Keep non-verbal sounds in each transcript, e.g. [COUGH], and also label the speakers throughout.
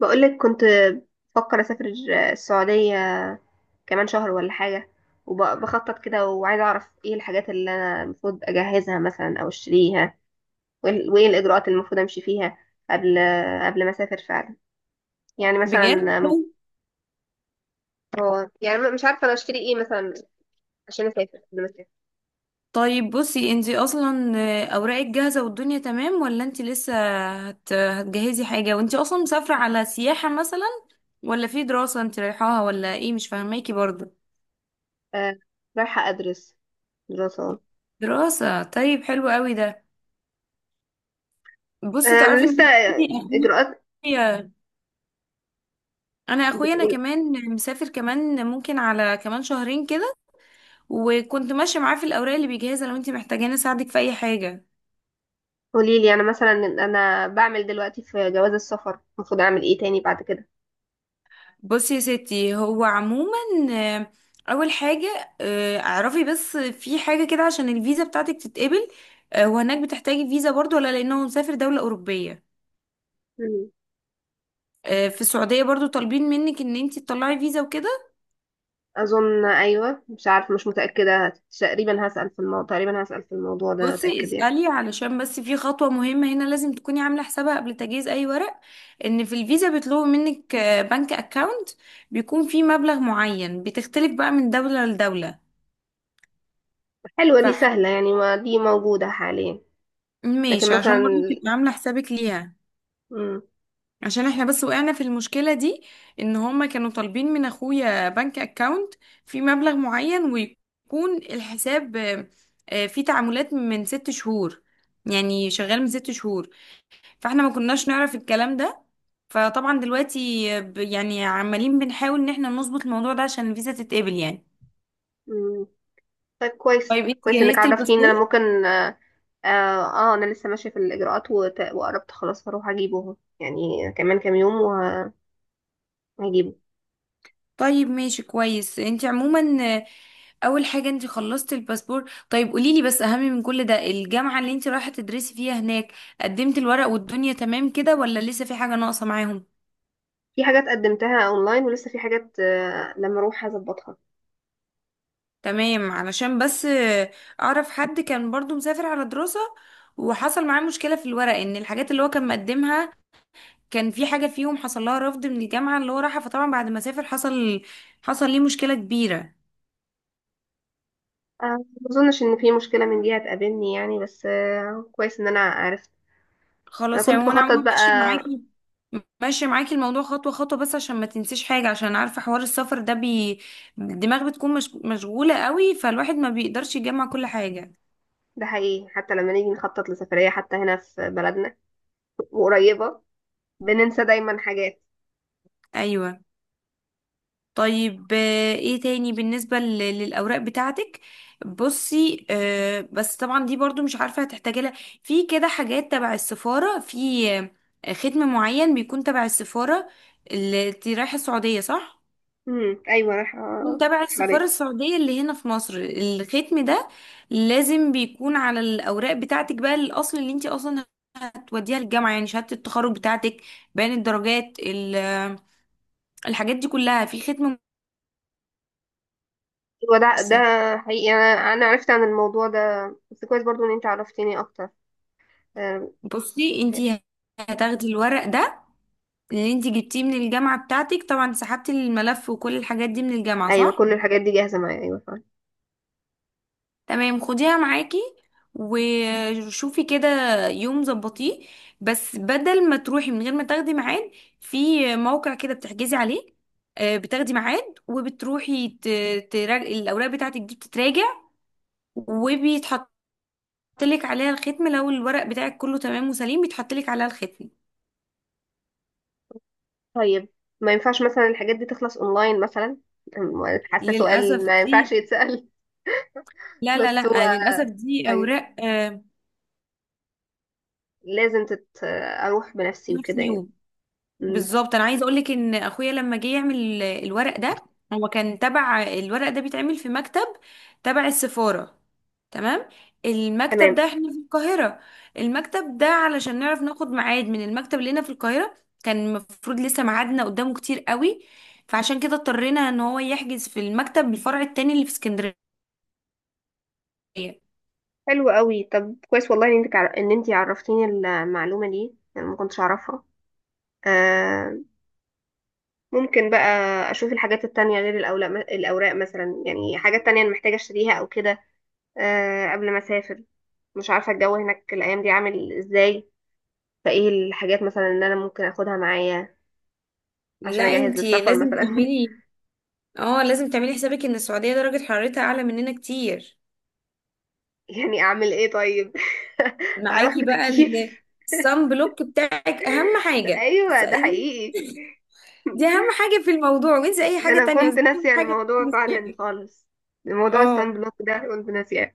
Speaker 1: بقولك كنت بفكر أسافر السعودية كمان شهر ولا حاجة، وبخطط كده وعايزة أعرف إيه الحاجات اللي أنا المفروض أجهزها مثلا أو أشتريها، وإيه وإيه الإجراءات اللي المفروض أمشي فيها قبل قبل ما أسافر فعلا. يعني
Speaker 2: بجد.
Speaker 1: مثلا هو يعني مش عارفة أنا أشتري إيه مثلا عشان أسافر قبل ما أسافر.
Speaker 2: طيب، بصي انتي اصلا اوراقك جاهزه والدنيا تمام ولا انتي لسه هتجهزي حاجه؟ وانتي اصلا مسافره على سياحه مثلا، ولا في دراسه انتي رايحاها، ولا ايه؟ مش فاهماكي برضه.
Speaker 1: آه، رايحة أدرس دراسة.
Speaker 2: دراسه؟ طيب، حلو قوي ده. بصي، تعرفي
Speaker 1: أنا
Speaker 2: ان
Speaker 1: لسه
Speaker 2: انا
Speaker 1: إجراءات
Speaker 2: اخويا اخويا انا
Speaker 1: بتقول.
Speaker 2: كمان مسافر كمان، ممكن على كمان شهرين كده. وكنت ماشيه معاه في الاوراق اللي بيجهزها، لو انتي محتاجاني اساعدك في اي حاجه.
Speaker 1: قوليلي، أنا مثلا أنا بعمل دلوقتي في جواز السفر، المفروض أعمل إيه تاني بعد كده؟
Speaker 2: بصي يا ستي، هو عموما آه، اول حاجه اعرفي بس في حاجه كده عشان الفيزا بتاعتك تتقبل. وهناك بتحتاجي فيزا برضو، ولا لانه مسافر دوله اوروبيه؟ في السعوديه برضو طالبين منك ان انتي تطلعي فيزا وكده.
Speaker 1: اظن ايوه، مش عارفه، مش متاكده، تقريبا هسال في الموضوع، تقريبا هسال في الموضوع ده
Speaker 2: بصي،
Speaker 1: اتاكد يعني.
Speaker 2: اسالي، علشان بس في خطوه مهمه هنا لازم تكوني عامله حسابها قبل تجهيز اي ورق. ان في الفيزا بيطلبوا منك بنك اكاونت بيكون فيه مبلغ معين، بتختلف بقى من دوله لدوله.
Speaker 1: حلوه دي،
Speaker 2: فح
Speaker 1: سهله يعني، ما دي موجوده حاليا. لكن
Speaker 2: ماشي، عشان برضو
Speaker 1: مثلا
Speaker 2: تبقي عامله حسابك ليها.
Speaker 1: مم.
Speaker 2: عشان احنا بس وقعنا في المشكلة دي، ان هما كانوا طالبين من اخويا بنك اكاونت في مبلغ معين ويكون الحساب فيه تعاملات من 6 شهور، يعني شغال من 6 شهور. فاحنا ما كناش نعرف الكلام ده، فطبعا دلوقتي يعني عمالين بنحاول ان احنا نظبط الموضوع ده عشان الفيزا تتقبل يعني.
Speaker 1: مم. طيب، كويس
Speaker 2: طيب، انت
Speaker 1: كويس انك
Speaker 2: جهزت
Speaker 1: عرفتيني ان انا
Speaker 2: الباسبور؟
Speaker 1: ممكن آه. آه، انا لسه ماشيه في الاجراءات وت... وقربت خلاص، هروح اجيبه اهو يعني كمان كام يوم وهجيبه.
Speaker 2: طيب ماشي، كويس. انت عموما آه، اول حاجة انت خلصت الباسبور. طيب قوليلي بس، اهم من كل ده، الجامعة اللي انت رايحة تدرسي فيها هناك قدمت الورق والدنيا تمام كده، ولا لسه في حاجة ناقصة معاهم؟
Speaker 1: في حاجات قدمتها اونلاين، ولسه في حاجات لما اروح هظبطها.
Speaker 2: تمام، علشان بس اعرف حد كان برضو مسافر على دراسة، وحصل معاه مشكلة في الورق، ان الحاجات اللي هو كان مقدمها كان في حاجة فيهم حصل لها رفض من الجامعة اللي هو راحها، فطبعا بعد ما سافر حصل ليه مشكلة كبيرة.
Speaker 1: آه، ما اظنش ان في مشكله من دي هتقابلني يعني، بس آه كويس ان انا عرفت. انا
Speaker 2: خلاص
Speaker 1: كنت
Speaker 2: يعني، وانا
Speaker 1: بخطط
Speaker 2: عموما ماشي
Speaker 1: بقى.
Speaker 2: معاكي ماشي معاكي الموضوع خطوة خطوة، بس عشان ما تنسيش حاجة، عشان عارفة حوار السفر ده الدماغ بتكون مش... مشغولة قوي، فالواحد ما بيقدرش يجمع كل حاجة.
Speaker 1: ده حقيقي، حتى لما نيجي نخطط لسفرية حتى هنا في بلدنا وقريبة، بننسى دايما حاجات.
Speaker 2: ايوه. طيب ايه تاني بالنسبة للأوراق بتاعتك؟ بصي بس طبعا دي برضو مش عارفة هتحتاجي لها، في كده حاجات تبع السفارة، في ختم معين بيكون تبع السفارة. اللي انتي رايحة السعودية، صح؟
Speaker 1: ايوه، راح
Speaker 2: يكون
Speaker 1: أقولك
Speaker 2: تبع السفارة
Speaker 1: عليه.
Speaker 2: السعودية اللي هنا في مصر، الختم ده لازم بيكون على الأوراق بتاعتك بقى، الأصل اللي انت أصلا هتوديها للجامعة، يعني شهادة التخرج بتاعتك، بيان الدرجات، الحاجات دي كلها في ختم.
Speaker 1: ايوه ده
Speaker 2: لسه
Speaker 1: حقيقي، انا عرفت عن الموضوع ده، بس كويس برضو ان انت عرفتيني اكتر. أم،
Speaker 2: بصي، انت هتاخدي الورق ده اللي انت جبتيه من الجامعة بتاعتك، طبعا سحبتي الملف وكل الحاجات دي من الجامعة،
Speaker 1: ايوه،
Speaker 2: صح؟
Speaker 1: كل الحاجات دي جاهزة معايا، ايوه فعلا.
Speaker 2: تمام، خديها معاكي وشوفي كده يوم ظبطيه، بس بدل ما تروحي من غير ما تاخدي ميعاد. في موقع كده بتحجزي عليه، بتاخدي ميعاد وبتروحي، الاوراق بتاعتك دي بتتراجع، وبيتحط لك عليها الختم. لو الورق بتاعك كله تمام وسليم، بيتحط لك عليها الختم.
Speaker 1: طيب ما ينفعش مثلا الحاجات دي تخلص اونلاين مثلا؟ حاسة سؤال
Speaker 2: للاسف
Speaker 1: ما ينفعش
Speaker 2: دي.
Speaker 1: يتسأل. [LAUGHS]
Speaker 2: لا، لا،
Speaker 1: بس هو
Speaker 2: لا، للاسف دي
Speaker 1: ايوه،
Speaker 2: اوراق
Speaker 1: لازم اروح بنفسي
Speaker 2: نفس
Speaker 1: وكده يعني.
Speaker 2: اليوم.
Speaker 1: امم.
Speaker 2: بالظبط، انا عايزه اقول لك ان اخويا لما جه يعمل الورق ده، هو كان تبع الورق ده بيتعمل في مكتب تبع السفاره، تمام. المكتب
Speaker 1: تمام،
Speaker 2: ده، احنا في القاهره، المكتب ده علشان نعرف ناخد ميعاد من المكتب اللي هنا في القاهره، كان المفروض لسه ميعادنا قدامه كتير قوي، فعشان كده اضطرينا ان هو يحجز في المكتب الفرع التاني اللي في اسكندريه.
Speaker 1: حلو قوي. طب كويس والله ان انت عرفتيني المعلومه دي، انا ما كنتش اعرفها. آه، ممكن بقى اشوف الحاجات التانية غير الاوراق مثلا، يعني حاجات تانية انا محتاجه اشتريها او كده آه قبل ما اسافر. مش عارفه الجو هناك الايام دي عامل ازاي، فايه الحاجات مثلا ان انا ممكن اخدها معايا
Speaker 2: لا،
Speaker 1: عشان اجهز
Speaker 2: انتي
Speaker 1: للسفر
Speaker 2: لازم
Speaker 1: مثلا.
Speaker 2: تعملي اه لازم تعملي حسابك ان السعوديه درجه حرارتها اعلى مننا كتير.
Speaker 1: [LAUGHS] يعني اعمل ايه طيب؟ [LAUGHS] هروح
Speaker 2: معاكي بقى
Speaker 1: بتكييف.
Speaker 2: الصن بلوك بتاعك، اهم حاجه.
Speaker 1: ايوه ده حقيقي،
Speaker 2: دي اهم حاجه في الموضوع، وانسي اي
Speaker 1: ده
Speaker 2: حاجه
Speaker 1: انا
Speaker 2: تانية، بس
Speaker 1: كنت
Speaker 2: دي اهم
Speaker 1: ناسيه
Speaker 2: حاجه
Speaker 1: الموضوع
Speaker 2: بالنسبه
Speaker 1: فعلا
Speaker 2: لي.
Speaker 1: خالص، الموضوع الصن
Speaker 2: اه،
Speaker 1: بلوك ده كنت ناسياه.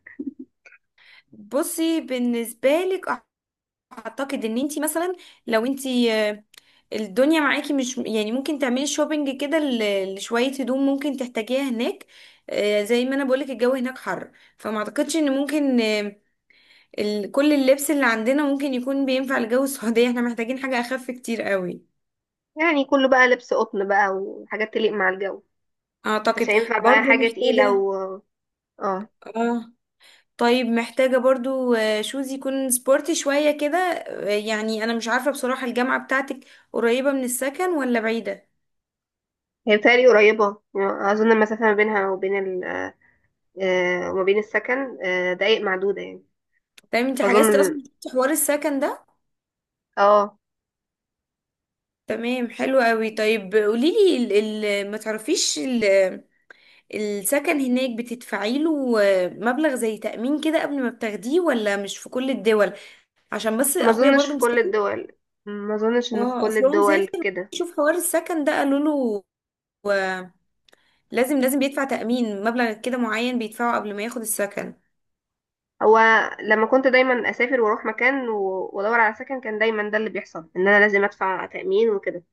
Speaker 2: بصي بالنسبه لك، اعتقد ان انتي مثلا لو انتي الدنيا معاكي، مش يعني، ممكن تعملي شوبينج كده لشويه هدوم ممكن تحتاجيها هناك، زي ما انا بقولك الجو هناك حر، فما اعتقدش ان ممكن كل اللبس اللي عندنا ممكن يكون بينفع لجو السعوديه، احنا محتاجين حاجه اخف كتير قوي.
Speaker 1: يعني كله بقى لبس قطن بقى وحاجات تليق مع الجو، مش
Speaker 2: اعتقد
Speaker 1: هينفع بقى
Speaker 2: برضو
Speaker 1: حاجه تقيله
Speaker 2: محتاجة،
Speaker 1: و اه.
Speaker 2: اه طيب محتاجة برضو شوز يكون سبورتي شوية كده، يعني انا مش عارفة بصراحة الجامعة بتاعتك قريبة من السكن ولا بعيدة؟
Speaker 1: هي بتهيألي قريبه، اظن المسافه ما بينها وبين ال آه، وما بين السكن دقايق معدوده يعني.
Speaker 2: تمام، انت حجزتي
Speaker 1: اظن.
Speaker 2: اصلا، شفتي حوار السكن ده؟
Speaker 1: اه.
Speaker 2: تمام، حلو قوي. طيب قوليلي، ال ال ما تعرفيش، السكن هناك بتدفعي له مبلغ زي تأمين كده قبل ما بتاخديه، ولا مش في كل الدول؟ عشان بس
Speaker 1: ما
Speaker 2: اخويا
Speaker 1: اظنش
Speaker 2: برضو
Speaker 1: في كل
Speaker 2: مسافر.
Speaker 1: الدول، ما اظنش انه في
Speaker 2: اه،
Speaker 1: كل
Speaker 2: اصل هو
Speaker 1: الدول
Speaker 2: مسافر،
Speaker 1: كده.
Speaker 2: شوف حوار السكن ده قالوا له آه، لازم بيدفع تأمين، مبلغ كده معين بيدفعه قبل ما ياخد السكن.
Speaker 1: هو لما كنت دايما اسافر واروح مكان و وادور على سكن، كان دايما ده اللي بيحصل ان انا لازم ادفع تأمين وكده.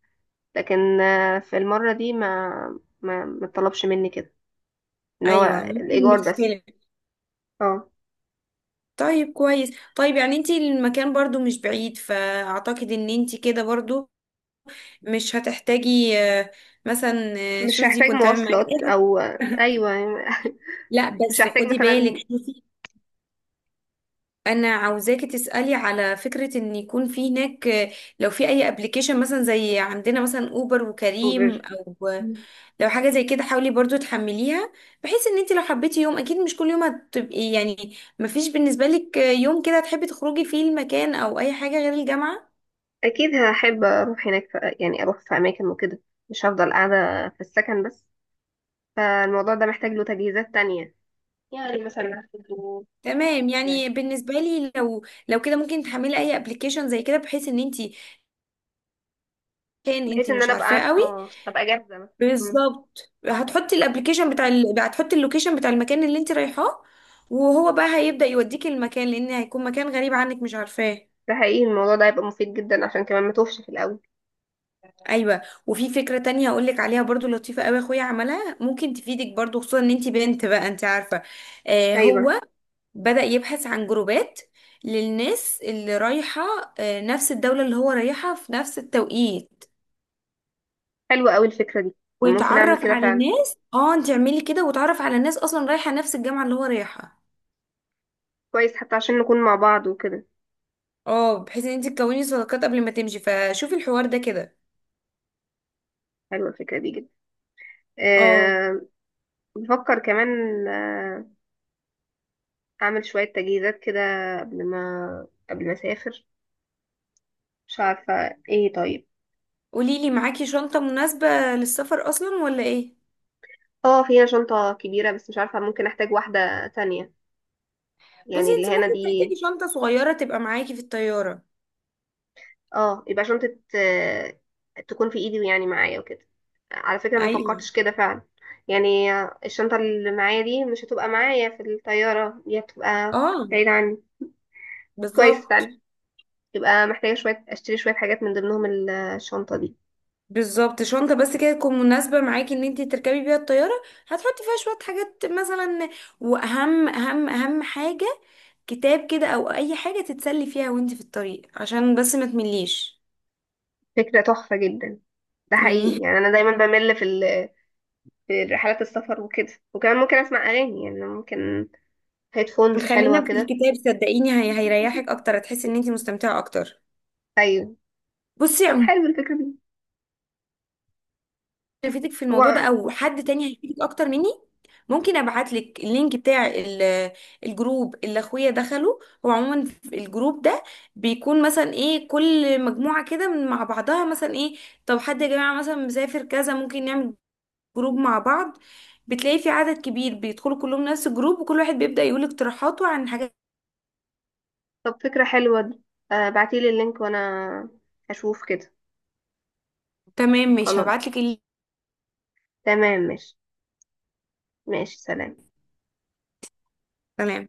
Speaker 1: لكن آه، في المرة دي ما طلبش مني كده ان هو
Speaker 2: ايوه، ممكن
Speaker 1: الايجار بس.
Speaker 2: بتختلف.
Speaker 1: اه،
Speaker 2: طيب كويس، طيب يعني انتي المكان برضو مش بعيد، فاعتقد ان انتي كده برضو مش هتحتاجي مثلا،
Speaker 1: مش
Speaker 2: شوزي
Speaker 1: هحتاج
Speaker 2: كنت عامل معاكي
Speaker 1: مواصلات او.
Speaker 2: [LAUGHS] ايه،
Speaker 1: ايوه،
Speaker 2: لا
Speaker 1: مش
Speaker 2: بس
Speaker 1: هحتاج
Speaker 2: خدي بالك،
Speaker 1: مثلا
Speaker 2: شوفي، انا عاوزاكي تسالي على فكره ان يكون في هناك لو في اي ابلكيشن مثلا زي عندنا مثلا اوبر وكريم،
Speaker 1: اوبر.
Speaker 2: او لو حاجه زي كده حاولي برضو تحمليها، بحيث ان انت لو حبيتي يوم، اكيد مش كل يوم هتبقي، يعني مفيش بالنسبه لك يوم كده تحبي تخرجي فيه المكان، او اي حاجه غير الجامعه.
Speaker 1: اكيد هحب اروح هناك يعني اروح في اماكن وكده، مش هفضل قاعدة في السكن بس، فالموضوع ده محتاج له تجهيزات تانية. يعني مثلا
Speaker 2: تمام، يعني بالنسبه لي لو كده، ممكن تحملي اي ابلكيشن زي كده بحيث ان انت، كان
Speaker 1: بحيث
Speaker 2: انت
Speaker 1: ان
Speaker 2: مش
Speaker 1: انا ابقى
Speaker 2: عارفاه
Speaker 1: عارفة،
Speaker 2: قوي.
Speaker 1: اه ابقى جاهزة مثلا. مم.
Speaker 2: بالظبط، هتحطي الابلكيشن بتاع ال... هتحطي اللوكيشن بتاع المكان اللي انت رايحاه، وهو بقى هيبدأ يوديكي المكان، لان هيكون مكان غريب عنك مش عارفاه.
Speaker 1: ده حقيقي، الموضوع ده هيبقى مفيد جدا عشان كمان ما توفش في الاول.
Speaker 2: ايوه، وفي فكرة تانية هقول لك عليها برضو لطيفة قوي، اخويا عملها، ممكن تفيدك برضو، خصوصا ان انت بنت بقى، انت عارفة.
Speaker 1: ايوه،
Speaker 2: هو بدأ يبحث عن جروبات للناس اللي رايحة نفس الدولة اللي هو رايحها في نفس التوقيت،
Speaker 1: حلوة قوي الفكرة دي، ممكن اعمل
Speaker 2: ويتعرف
Speaker 1: كده
Speaker 2: على
Speaker 1: فعلا،
Speaker 2: الناس. اه انت اعملي كده، وتعرف على الناس اصلا رايحة نفس الجامعة اللي هو رايحها،
Speaker 1: كويس حتى عشان نكون مع بعض وكده.
Speaker 2: اه، بحيث ان انت تكوني صداقات قبل ما تمشي، فشوفي الحوار ده كده.
Speaker 1: حلوة الفكرة دي جدا.
Speaker 2: اه،
Speaker 1: أه. بفكر كمان آه، أعمل شوية تجهيزات كده قبل ما أسافر. مش عارفة ايه طيب.
Speaker 2: قوليلي، معاكي شنطة مناسبة للسفر اصلا، ولا ايه؟
Speaker 1: اه، في هنا شنطة كبيرة بس مش عارفة ممكن أحتاج واحدة تانية،
Speaker 2: بصي،
Speaker 1: يعني اللي
Speaker 2: انت
Speaker 1: هنا
Speaker 2: ممكن
Speaker 1: دي.
Speaker 2: تحتاجي شنطة صغيرة تبقى معاكي في الطيارة.
Speaker 1: اه، يبقى شنطة آه، تكون في إيدي ويعني معايا وكده. على فكرة ما
Speaker 2: ايوه.
Speaker 1: فكرتش كده فعلا، يعني آه، الشنطة اللي معايا دي مش هتبقى معايا في الطيارة، دي هتبقى
Speaker 2: اه.
Speaker 1: بعيدة عني. كويس فعلا،
Speaker 2: بالظبط
Speaker 1: يبقى محتاجة شوية، أشتري شوية حاجات من ضمنهم الشنطة دي.
Speaker 2: بالظبط شنطة بس كده تكون مناسبة معاكي ان انت تركبي بيها الطيارة، هتحطي فيها شوية حاجات مثلا، واهم اهم اهم حاجة كتاب كده، او اي حاجة تتسلي فيها وانت في الطريق، عشان بس ما تمليش.
Speaker 1: فكرة تحفة جدا، ده حقيقي،
Speaker 2: يعني.
Speaker 1: يعني أنا دايما بمل في في رحلات السفر وكده، وكمان ممكن أسمع أغاني، يعني ممكن هيدفونز حلوة
Speaker 2: خلينا في
Speaker 1: كده.
Speaker 2: الكتاب، صدقيني هي هيريحك اكتر، هتحسي ان انت مستمتعه اكتر.
Speaker 1: أيوة.
Speaker 2: بصي
Speaker 1: طب
Speaker 2: عموما،
Speaker 1: حلو الفكرة دي.
Speaker 2: فيتك في الموضوع ده،
Speaker 1: هو
Speaker 2: او حد تاني هيفيدك اكتر مني. ممكن ابعت لك اللينك بتاع الجروب اللي اخويا دخله. هو عموما في الجروب ده بيكون مثلا ايه كل مجموعه كده، مع بعضها، مثلا ايه طب حد يا جماعه مثلا مسافر كذا، ممكن نعمل جروب مع بعض. بتلاقي في عدد كبير بيدخلوا كلهم نفس الجروب، وكل واحد بيبدأ يقول اقتراحاته عن حاجات.
Speaker 1: طب فكرة حلوة دي. آه، بعتيلي اللينك وأنا هشوف كده.
Speaker 2: تمام، مش
Speaker 1: خلاص،
Speaker 2: هبعت لك اللينك.
Speaker 1: تمام، ماشي. ماشي، سلام.
Speaker 2: تمام.